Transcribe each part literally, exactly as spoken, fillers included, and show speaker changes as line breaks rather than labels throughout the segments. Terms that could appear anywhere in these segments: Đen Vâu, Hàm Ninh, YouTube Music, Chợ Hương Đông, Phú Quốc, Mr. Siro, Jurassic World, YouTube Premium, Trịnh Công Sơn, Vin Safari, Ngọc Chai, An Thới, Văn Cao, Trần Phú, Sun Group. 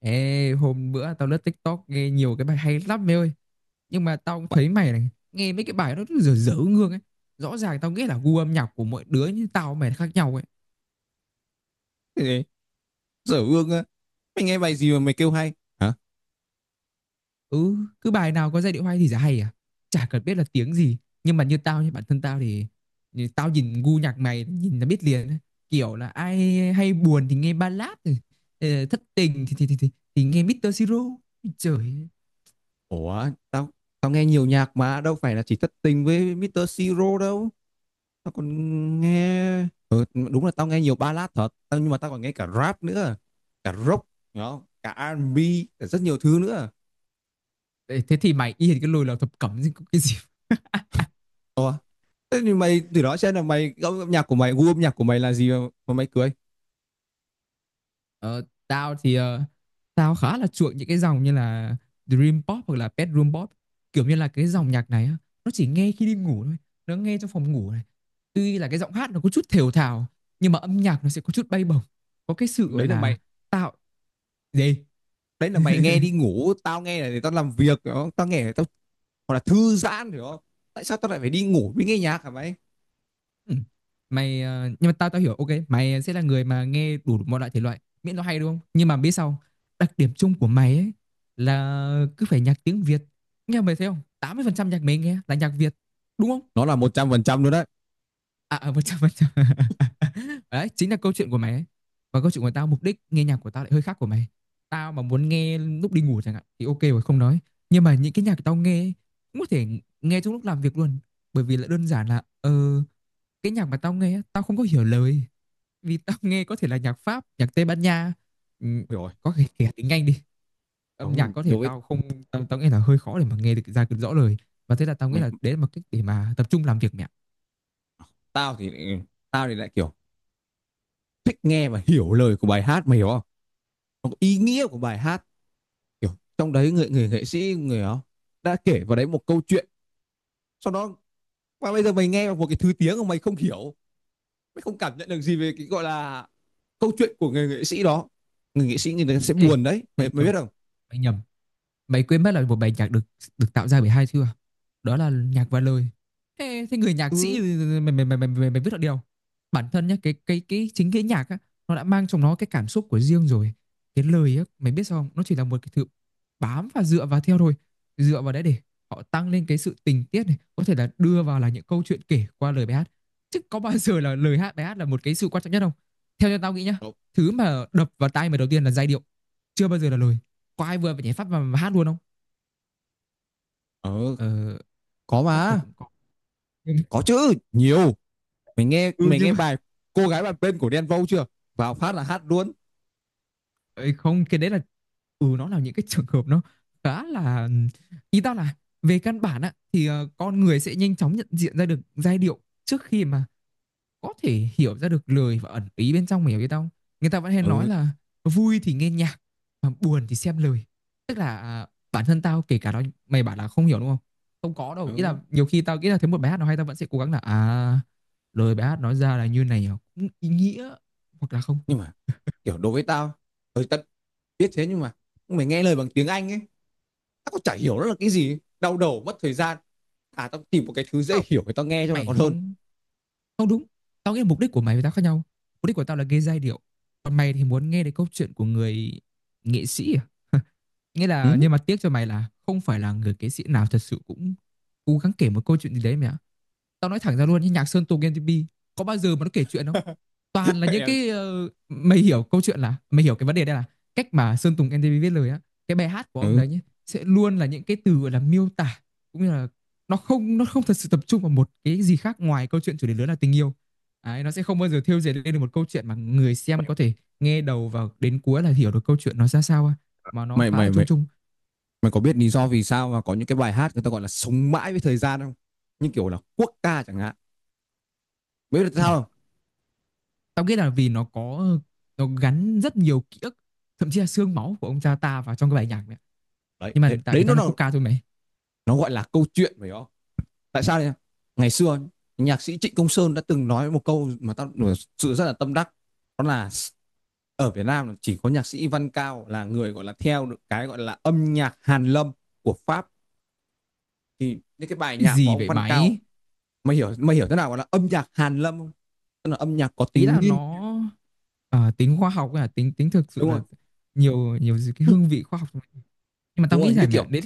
Ê, hôm bữa tao lướt TikTok nghe nhiều cái bài hay lắm mày ơi. Nhưng mà tao cũng thấy mày này, nghe mấy cái bài nó cứ dở dở ngương ấy. Rõ ràng tao nghĩ là gu âm nhạc của mỗi đứa như tao mày là khác nhau ấy.
Ê, dở ương á. Mày nghe bài gì mà mày kêu hay? Hả?
Ừ, cứ bài nào có giai điệu hay thì chả hay à. Chả cần biết là tiếng gì. Nhưng mà như tao, như bản thân tao thì, thì tao nhìn gu nhạc mày, nhìn là biết liền ấy. Kiểu là ai hay buồn thì nghe ballad, ờ, thất tình thì, thì, thì, thì, thì nghe mít tơ Siro. Trời ơi.
Ủa, tao tao nghe nhiều nhạc mà đâu phải là chỉ thất tình với mít tơ Siro đâu. Tao còn nghe ừ, đúng là tao nghe nhiều ballad thật, tao nhưng mà tao còn nghe cả rap nữa, cả rock, đó, cả rờ en bi, cả rất nhiều thứ nữa.
Thế thế thì mày yên cái lùi là thập cẩm gì, cái gì.
Ủa, thế thì mày từ đó xem là mày gu âm nhạc của mày, gu âm nhạc của mày là gì mà, mà mày cười?
Ờ, tao thì ờ, tao khá là chuộng những cái dòng như là Dream Pop hoặc là Bedroom Pop, kiểu như là cái dòng nhạc này á, nó chỉ nghe khi đi ngủ thôi, nó nghe trong phòng ngủ này. Tuy là cái giọng hát nó có chút thều thào nhưng mà âm nhạc nó sẽ có chút bay bổng, có cái sự gọi
Đấy là
là
mày,
tạo gì.
đấy là mày nghe đi ngủ, tao nghe là để tao làm việc, đó. Tao nghe để tao hoặc là thư giãn, hiểu không? Tại sao tao lại phải đi ngủ với nghe nhạc hả mày?
Ừ. Mày ờ, nhưng mà tao tao hiểu, ok mày sẽ là người mà nghe đủ mọi loại thể loại miễn nó hay, đúng không? Nhưng mà biết sao, đặc điểm chung của mày ấy là cứ phải nhạc tiếng Việt. Nghe mày thấy không, tám mươi phần trăm nhạc mày nghe là nhạc Việt, đúng không?
Nó là một trăm phần trăm luôn đấy.
À, à một trăm phần trăm. Đấy, chính là câu chuyện của mày ấy. Còn câu chuyện của tao, mục đích nghe nhạc của tao lại hơi khác của mày. Tao mà muốn nghe lúc đi ngủ chẳng hạn thì ok rồi không nói. Nhưng mà những cái nhạc tao nghe ấy, cũng có thể nghe trong lúc làm việc luôn. Bởi vì là đơn giản là ờ cái nhạc mà tao nghe á, tao không có hiểu lời, vì tao nghe có thể là nhạc Pháp, nhạc Tây Ban Nha, ừ,
Hiểu rồi.
có thể kể tiếng Anh đi. Âm nhạc
Không
có thể
đối ấy.
tao không, tao, tao nghe là hơi khó để mà nghe được ra được rõ lời. Và thế là tao nghĩ
Mày,
là đấy là một cách để mà tập trung làm việc mẹ.
tao thì tao thì lại kiểu thích nghe và hiểu lời của bài hát, mày hiểu không? Nó có ý nghĩa của bài hát, kiểu trong đấy người người nghệ sĩ người đó đã kể vào đấy một câu chuyện, sau đó và bây giờ mày nghe một cái thứ tiếng mà mày không hiểu, mày không cảm nhận được gì về cái gọi là câu chuyện của người nghệ sĩ đó, người nghệ sĩ người ta sẽ
Ê,
buồn đấy mày,
mày
mày
nhầm,
biết không?
mày nhầm. Mày quên mất là một bài nhạc được được tạo ra bởi hai thứ à? Đó là nhạc và lời. Thế, thế người nhạc sĩ
Ừ.
mày mày mày mày, mày, mày biết được điều. Bản thân nhá, cái cái cái chính cái nhạc á nó đã mang trong nó cái cảm xúc của riêng rồi. Cái lời á mày biết sao không? Nó chỉ là một cái thứ bám và dựa vào theo thôi. Dựa vào đấy để họ tăng lên cái sự tình tiết này, có thể là đưa vào là những câu chuyện kể qua lời bài hát. Chứ có bao giờ là lời hát bài hát là một cái sự quan trọng nhất không? Theo như tao nghĩ nhá,
Ờ
thứ mà đập vào tai mày đầu tiên là giai điệu, chưa bao giờ là lời. Có ai vừa về nhảy phát mà, mà hát luôn không?
ờ,
ờ,
có
chắc là
mà.
cũng có nhưng
Có chứ nhiều, mình nghe
ừ
mình
nhưng
nghe
mà
bài Cô Gái Bàn Bên của Đen Vâu chưa, vào phát là hát luôn?
ấy không, cái đấy là ừ nó là những cái trường hợp nó khá là, ý tao là về căn bản á thì ờ, con người sẽ nhanh chóng nhận diện ra được giai điệu trước khi mà có thể hiểu ra được lời và ẩn ý bên trong, mày hiểu biết không? Người ta vẫn hay nói
Ừ
là vui thì nghe nhạc mà buồn thì xem lời, tức là à, bản thân tao kể cả đó mày bảo là không hiểu đúng không, không có đâu, ý là
ừ.
nhiều khi tao nghĩ là thấy một bài hát nó hay tao vẫn sẽ cố gắng là, à lời bài hát nói ra là như này à, cũng ý nghĩa hoặc là không.
Nhưng mà kiểu đối với tao, hơi tất biết thế, nhưng mà mày nghe lời bằng tiếng Anh ấy tao cũng chả hiểu nó là cái gì, đau đầu mất thời gian. À tao tìm một cái thứ dễ
Không,
hiểu để tao nghe cho nó
mày
còn hơn.
không, không đúng. Tao nghĩ là mục đích của mày với tao khác nhau. Mục đích của tao là gây giai điệu, còn mày thì muốn nghe đến câu chuyện của người nghệ sĩ à? Nghĩa là,
Ừ.
nhưng mà tiếc cho mày là không phải là người nghệ sĩ nào thật sự cũng cố gắng kể một câu chuyện gì đấy mày ạ. Tao nói thẳng ra luôn, như nhạc Sơn Tùng em tê pê có bao giờ mà nó kể chuyện không? Toàn là những cái ờ, mày hiểu câu chuyện là mày hiểu cái vấn đề đây là cách mà Sơn Tùng em tê pê viết lời á. Cái bài hát của ông
Ừ.
đấy nhé sẽ luôn là những cái từ gọi là miêu tả, cũng như là nó không nó không thật sự tập trung vào một cái gì khác ngoài câu chuyện chủ đề lớn là tình yêu. Đấy, nó sẽ không bao giờ thêu dệt lên được một câu chuyện mà người xem
mày,
có thể nghe đầu vào đến cuối là hiểu được câu chuyện nó ra sao, mà nó
mày
khá
mày
là
mày
chung chung.
mày có biết lý do vì sao mà có những cái bài hát người ta gọi là sống mãi với thời gian không, như kiểu là quốc ca chẳng hạn, biết được
Ừ.
sao không?
Tao nghĩ là vì nó có nó gắn rất nhiều ký ức, thậm chí là xương máu của ông cha ta vào trong cái bài nhạc này.
Đấy
Nhưng mà
thế,
tại
đấy
vì nó
nó
là
là
quốc ca thôi mày.
nó gọi là câu chuyện phải không? Tại sao đấy? Ngày xưa nhạc sĩ Trịnh Công Sơn đã từng nói một câu mà tao thực sự rất là tâm đắc, đó là ở Việt Nam chỉ có nhạc sĩ Văn Cao là người gọi là theo được cái gọi là âm nhạc Hàn Lâm của Pháp. Thì những cái bài
Cái
nhạc của
gì
ông
vậy
Văn Cao,
mày?
mày hiểu mày hiểu thế nào gọi là âm nhạc Hàn Lâm không? Tức là âm nhạc có
Ý
tính
là
nghiên.
nó ờ, tính khoa học, là tính tính thực sự
Đúng rồi,
là nhiều nhiều cái hương vị khoa học, nhưng mà
đúng
tao
rồi.
nghĩ
Như
là mẹ
kiểu
đấy,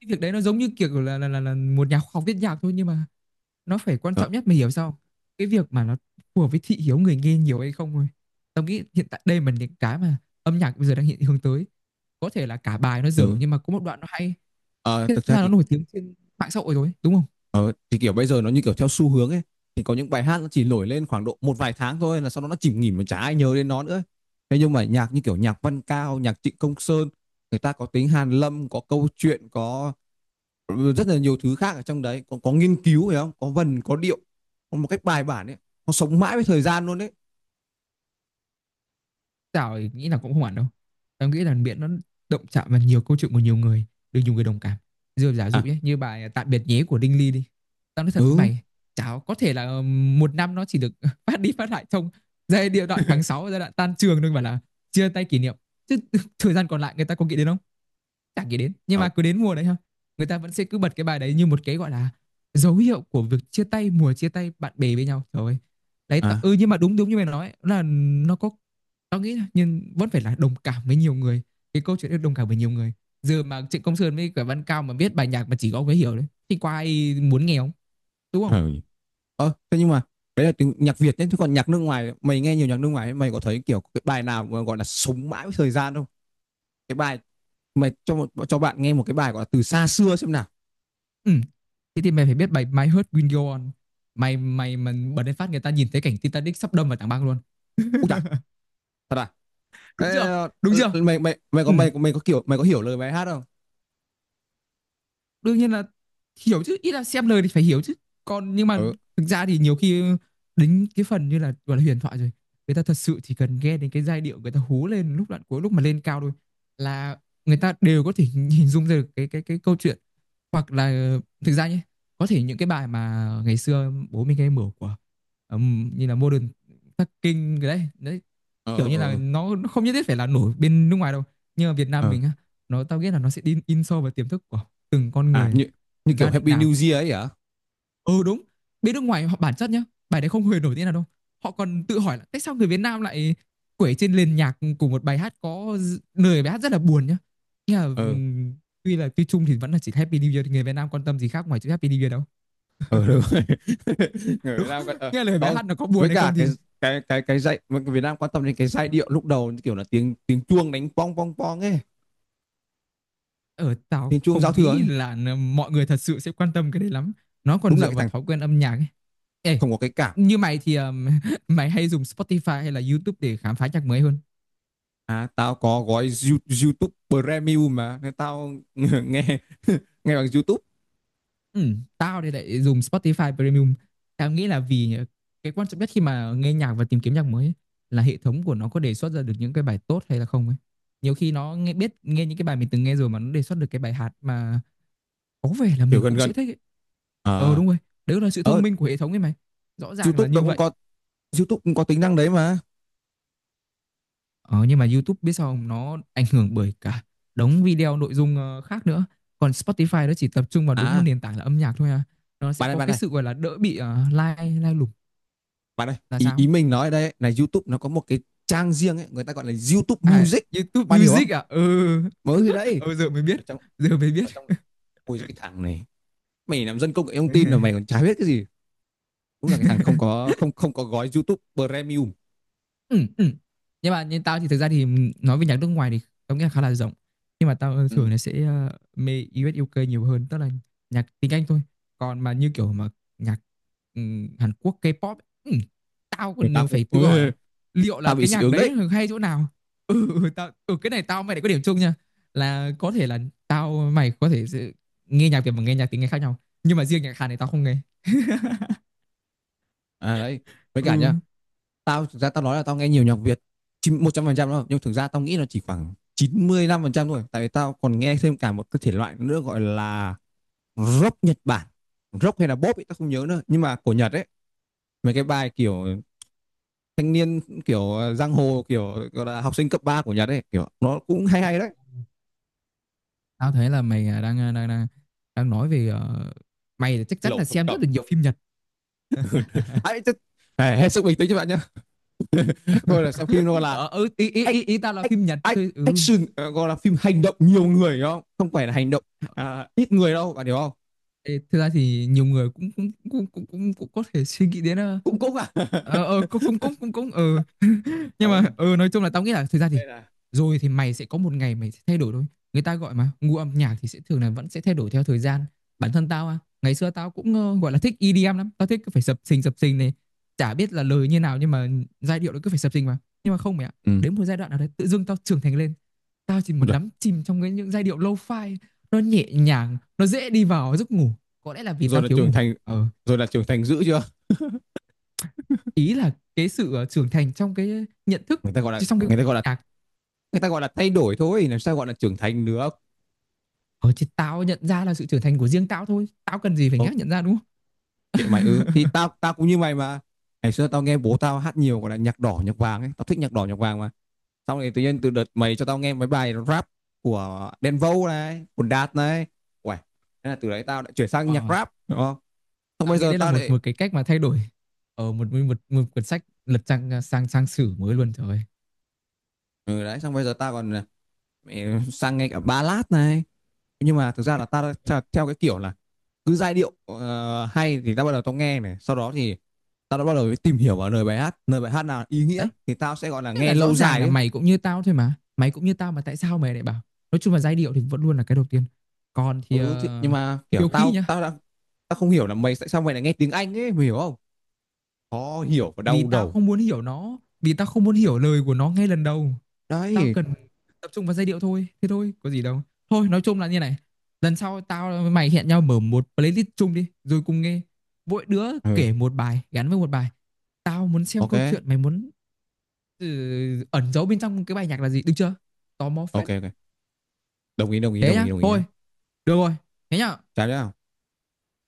cái việc đấy nó giống như kiểu là là là, là một nhà khoa học viết nhạc thôi, nhưng mà nó phải quan
ờ,
trọng nhất, mày hiểu sao không? Cái việc mà nó phù hợp với thị hiếu người nghe nhiều hay không thôi. Tao nghĩ hiện tại đây mà những cái mà âm nhạc bây giờ đang hiện hướng tới, có thể là cả bài nó dở
ừ.
nhưng mà có một đoạn nó hay,
Ờ,
thế
thực ra
là nó
thì
nổi tiếng trên mạng xã hội rồi, đúng không?
thì kiểu bây giờ nó như kiểu theo xu hướng ấy, thì có những bài hát nó chỉ nổi lên khoảng độ một vài tháng thôi là sau đó nó chìm nghỉm mà chả ai nhớ đến nó nữa. Thế nhưng mà nhạc như kiểu nhạc Văn Cao, nhạc Trịnh Công Sơn người ta có tính hàn lâm, có câu chuyện, có ừ, rất là nhiều thứ khác ở trong đấy, có, có nghiên cứu phải không, có vần có điệu, có một cách bài bản ấy, nó sống mãi với thời gian luôn đấy.
Tao nghĩ là cũng không hẳn đâu. Tao nghĩ là miễn nó động chạm vào nhiều câu chuyện của nhiều người, được nhiều người đồng cảm. Rồi giả dụ
À,
nhé, như bài Tạm biệt nhé của Đinh Ly đi. Tao nói thật với
ừ.
mày, chả có thể là một năm nó chỉ được phát đi phát lại trong giai điệu đoạn tháng sáu giai đoạn tan trường thôi mà là chia tay kỷ niệm. Chứ thời gian còn lại người ta có nghĩ đến không? Chả nghĩ đến, nhưng
Ờ,
mà cứ đến mùa đấy ha, người ta vẫn sẽ cứ bật cái bài đấy như một cái gọi là dấu hiệu của việc chia tay mùa, chia tay bạn bè với nhau, trời ơi. Đấy, tạ-
à
ừ, nhưng mà đúng đúng như mày nói là nó có, tao nghĩ là nhưng vẫn phải là đồng cảm với nhiều người, cái câu chuyện đấy đồng cảm với nhiều người. Giờ mà Trịnh Công Sơn với cả Văn Cao mà biết bài nhạc mà chỉ có ông ấy hiểu đấy thì có ai muốn nghe không, đúng không?
ờ. Ờ, thế nhưng mà đấy là tiếng nhạc Việt nhé, chứ còn nhạc nước ngoài mày nghe nhiều nhạc nước ngoài ấy, mày có thấy kiểu cái bài nào mà gọi là sống mãi với thời gian không? Cái bài, mày cho một cho bạn nghe một cái bài gọi là từ xa xưa xem nào.
Ừ, thế thì mày phải biết bài My Heart Will Go On. Mày mày mà bật lên phát người ta nhìn thấy cảnh Titanic sắp đâm vào tảng băng luôn.
Ui chà, thật à? Ê,
Đúng chưa?
ờ,
Đúng chưa?
mày mày mày có
Ừ,
mày mày có kiểu mày có hiểu lời bài hát không?
đương nhiên là hiểu chứ, ít là xem lời thì phải hiểu chứ còn, nhưng mà
Ừ.
thực ra thì nhiều khi đến cái phần như là gọi là huyền thoại rồi, người ta thật sự chỉ cần nghe đến cái giai điệu, người ta hú lên lúc đoạn cuối lúc mà lên cao thôi là người ta đều có thể hình dung ra được cái cái cái câu chuyện. Hoặc là, thực ra nhé, có thể những cái bài mà ngày xưa bố mình hay mở của ừm, như là Modern Talking cái đấy đấy,
Ờ
kiểu như là
ờ
nó, nó không nhất thiết phải là nổi bên nước ngoài đâu, nhưng mà Việt Nam
ờ,
mình á, nó tao nghĩ là nó sẽ in in sâu vào tiềm thức của từng con
à
người.
như như
Gia
kiểu
đình
Happy
nào cũng
New
từng,
Year ấy hả?
ừ đúng. Bên nước ngoài họ bản chất nhá, bài đấy không hề nổi tiếng nào đâu. Họ còn tự hỏi là tại sao người Việt Nam lại quẩy trên nền nhạc của một bài hát có lời bài hát rất là buồn nhá, nghe là
Ờ
ừm, tuy là tuy chung thì vẫn là chỉ Happy New Year, thì người Việt Nam quan tâm gì khác ngoài chữ Happy New Year đâu,
ờ, đúng rồi. Người Việt Nam quan- ờ,
nghe lời bài
không,
hát nó có buồn
với
hay
cả
không thì,
cái cái cái cái dạy người Việt Nam quan tâm đến cái giai điệu lúc đầu như kiểu là tiếng tiếng chuông đánh pong pong pong ấy,
ở tao
tiếng chuông giao
không
thừa
nghĩ
ấy.
là n- mọi người thật sự sẽ quan tâm cái đấy lắm. Nó còn
Đúng là
dựa
cái
vào
thằng
thói quen âm nhạc ấy. Ê,
không có cái cảm.
như mày thì ừm, mày hay dùng Spotify hay là YouTube để khám phá nhạc mới hơn?
À tao có gói You- YouTube Premium mà nên tao nghe nghe bằng YouTube.
Ừ, tao thì lại dùng Spotify Premium. Tao nghĩ là vì cái quan trọng nhất khi mà nghe nhạc và tìm kiếm nhạc mới ấy, là hệ thống của nó có đề xuất ra được những cái bài tốt hay là không ấy. Nhiều khi nó nghe biết nghe những cái bài mình từng nghe rồi mà nó đề xuất được cái bài hát mà có vẻ là
Kiểu
mình
gần
cũng
gần
sẽ thích ấy. Ờ
ờ
đúng rồi, đấy là sự thông
ờ.
minh của hệ thống ấy mày. Rõ ràng là
YouTube nó
như
cũng
vậy.
có YouTube cũng có tính năng đấy mà.
Ờ nhưng mà YouTube biết sao không? Nó ảnh hưởng bởi cả đống video nội dung ờ, khác nữa. Còn Spotify nó chỉ tập trung vào đúng một
À
nền tảng là âm nhạc thôi à. Nó sẽ
bạn ơi
có
bạn
cái
ơi
sự gọi là đỡ bị uh, lai lai lủng
bạn ơi,
là
ý
sao?
ý mình nói ở đây ấy, là YouTube nó có một cái trang riêng ấy, người ta gọi là YouTube
À,
Music,
YouTube
bạn hiểu không?
Music à? Ừ.
Mới thì đấy.
Ừ, giờ mới
ở
biết.
trong
Giờ mới
ở trong
biết.
ôi cái thằng này, mày làm dân công nghệ thông tin mà mày còn chả biết cái gì. Đúng là cái thằng không có không không có gói YouTube Premium.
Ừ, ừ, nhưng mà như tao thì thực ra thì nói về nhạc nước ngoài thì tao nghĩ là khá là rộng, nhưng mà tao
Ừ.
thường là sẽ ờ, mê u ét u ca nhiều hơn, tức là nhạc tiếng Anh thôi. Còn mà như kiểu mà nhạc ừm, Hàn Quốc K-pop ấy, ừm, tao
Người
còn
ta cũng.
phải tự hỏi
Ê,
là liệu là
tao bị
cái
dị
nhạc
ứng đấy.
đấy hay chỗ nào. Ừ ừ, tao, ừ, cái này tao mày lại có điểm chung nha, là có thể là tao mày có thể sẽ nghe nhạc Việt và nghe nhạc tiếng Anh khác nhau, nhưng mà riêng nhạc Hàn này tao không nghe.
À đấy, với cả
Ừ.
nhá, tao thực ra tao nói là tao nghe nhiều nhạc Việt chín một trăm phần trăm đâu, nhưng thực ra tao nghĩ là chỉ khoảng chín mươi lăm phần trăm thôi, tại vì tao còn nghe thêm cả một cái thể loại nữa gọi là rock Nhật Bản, rock hay là pop ấy tao không nhớ nữa nhưng mà của Nhật ấy, mấy cái bài kiểu thanh niên, kiểu giang hồ, kiểu gọi là học sinh cấp ba của Nhật ấy, kiểu nó cũng hay hay đấy.
Tao thấy là mày à, đang à, đang đang đang nói về ờ, mày chắc chắn là
Lẩu thập
xem
cẩm.
rất là nhiều phim Nhật.
Ấy, hết sức bình tĩnh các bạn nhé. Thôi là xem phim nó là
Ờ ừ, ý, ý ý ý tao là phim Nhật thôi. Ừ.
action ờ, gọi là phim hành động nhiều người hiểu không, không phải là hành động. À, ít người đâu bạn hiểu không.
Ê, thực ra thì nhiều người cũng cũng cũng cũng cũng, cũng có thể suy nghĩ đến ờ
Cũng cũng à.
ờ ờ, cũng cũng cũng cũng cũng ờ nhưng mà
Đúng.
ờ nói chung là tao nghĩ là thực ra thì
Đây là
rồi thì mày sẽ có một ngày mày sẽ thay đổi thôi. Người ta gọi mà gu âm nhạc thì sẽ thường là vẫn sẽ thay đổi theo thời gian. Bản thân tao à, ngày xưa tao cũng ờ, gọi là thích i đi em lắm, tao thích cứ phải sập sình sập sình này, chả biết là lời như nào nhưng mà giai điệu nó cứ phải sập sình mà. Nhưng mà không mày ạ,
ừ.
đến một giai đoạn nào đấy tự dưng tao trưởng thành lên, tao chỉ muốn
Ui
đắm chìm trong cái những giai điệu lo-fi. Nó nhẹ nhàng, nó dễ đi vào giấc ngủ, có lẽ là vì
rồi
tao
là
thiếu
trưởng
ngủ.
thành,
ờ,
rồi là trưởng thành dữ chưa?
ý là cái sự ờ, trưởng thành trong cái nhận thức,
Người ta gọi là
trong cái
người
gu
ta gọi
âm
là
nhạc.
người ta gọi là thay đổi thôi, làm sao gọi là trưởng thành được?
Ờ chứ tao nhận ra là sự trưởng thành của riêng tao thôi, tao cần gì phải nhắc
Ok,
nhận ra, đúng không?
kệ mày ư? Ừ thì tao tao cũng như mày mà. Ngày xưa tao nghe bố tao hát nhiều gọi là nhạc đỏ nhạc vàng ấy, tao thích nhạc đỏ nhạc vàng mà. Xong rồi tự nhiên từ đợt mày cho tao nghe mấy bài rap của Denvo này, của Đạt này. Uầy, thế là từ đấy tao lại chuyển sang
Ờ,
nhạc rap đúng không. Xong
tao
bây
nghĩ
giờ
đây là
tao
một
lại
một cái cách mà thay đổi, ờ một một một, một cuốn sách lật trang sang sang sử mới luôn trời ơi.
ừ đấy, xong bây giờ tao còn ờ, mẹ, sang nghe cả ballad này. Nhưng mà thực ra là tao theo cái kiểu là cứ giai điệu ờ, hay thì tao bắt đầu tao nghe này, sau đó thì tao đã bắt đầu tìm hiểu vào lời bài hát, lời bài hát nào ý nghĩa
Đấy,
thì tao sẽ gọi là
thế
nghe
là rõ
lâu
ràng
dài
là
ấy.
mày cũng như tao thôi mà, mày cũng như tao mà, tại sao mày lại bảo? Nói chung là giai điệu thì vẫn luôn là cái đầu tiên, còn thì
Ừ thì,
ờ,
nhưng mà kiểu
nhiều khi
tao
nhá,
tao đã tao không hiểu là mày tại sao mày lại nghe tiếng Anh ấy, mày hiểu không? Khó hiểu và
vì
đau
tao
đầu
không muốn hiểu nó, vì tao không muốn hiểu lời của nó ngay lần đầu. Tao
đấy.
cần tập trung vào giai điệu thôi, thế thôi có gì đâu. Thôi nói chung là như này, lần sau tao với mày hẹn nhau mở một playlist chung đi rồi cùng nghe, mỗi đứa
Ừ,
kể một bài, gắn với một bài tao muốn xem
ok
câu chuyện mày muốn, ừ, ẩn giấu bên trong cái bài nhạc là gì, được chưa? Tò mò phết.
ok ok, đồng ý đồng ý
Thế
đồng ý
nhá,
đồng ý nhá.
thôi, được rồi, thế nhá.
Cái đó.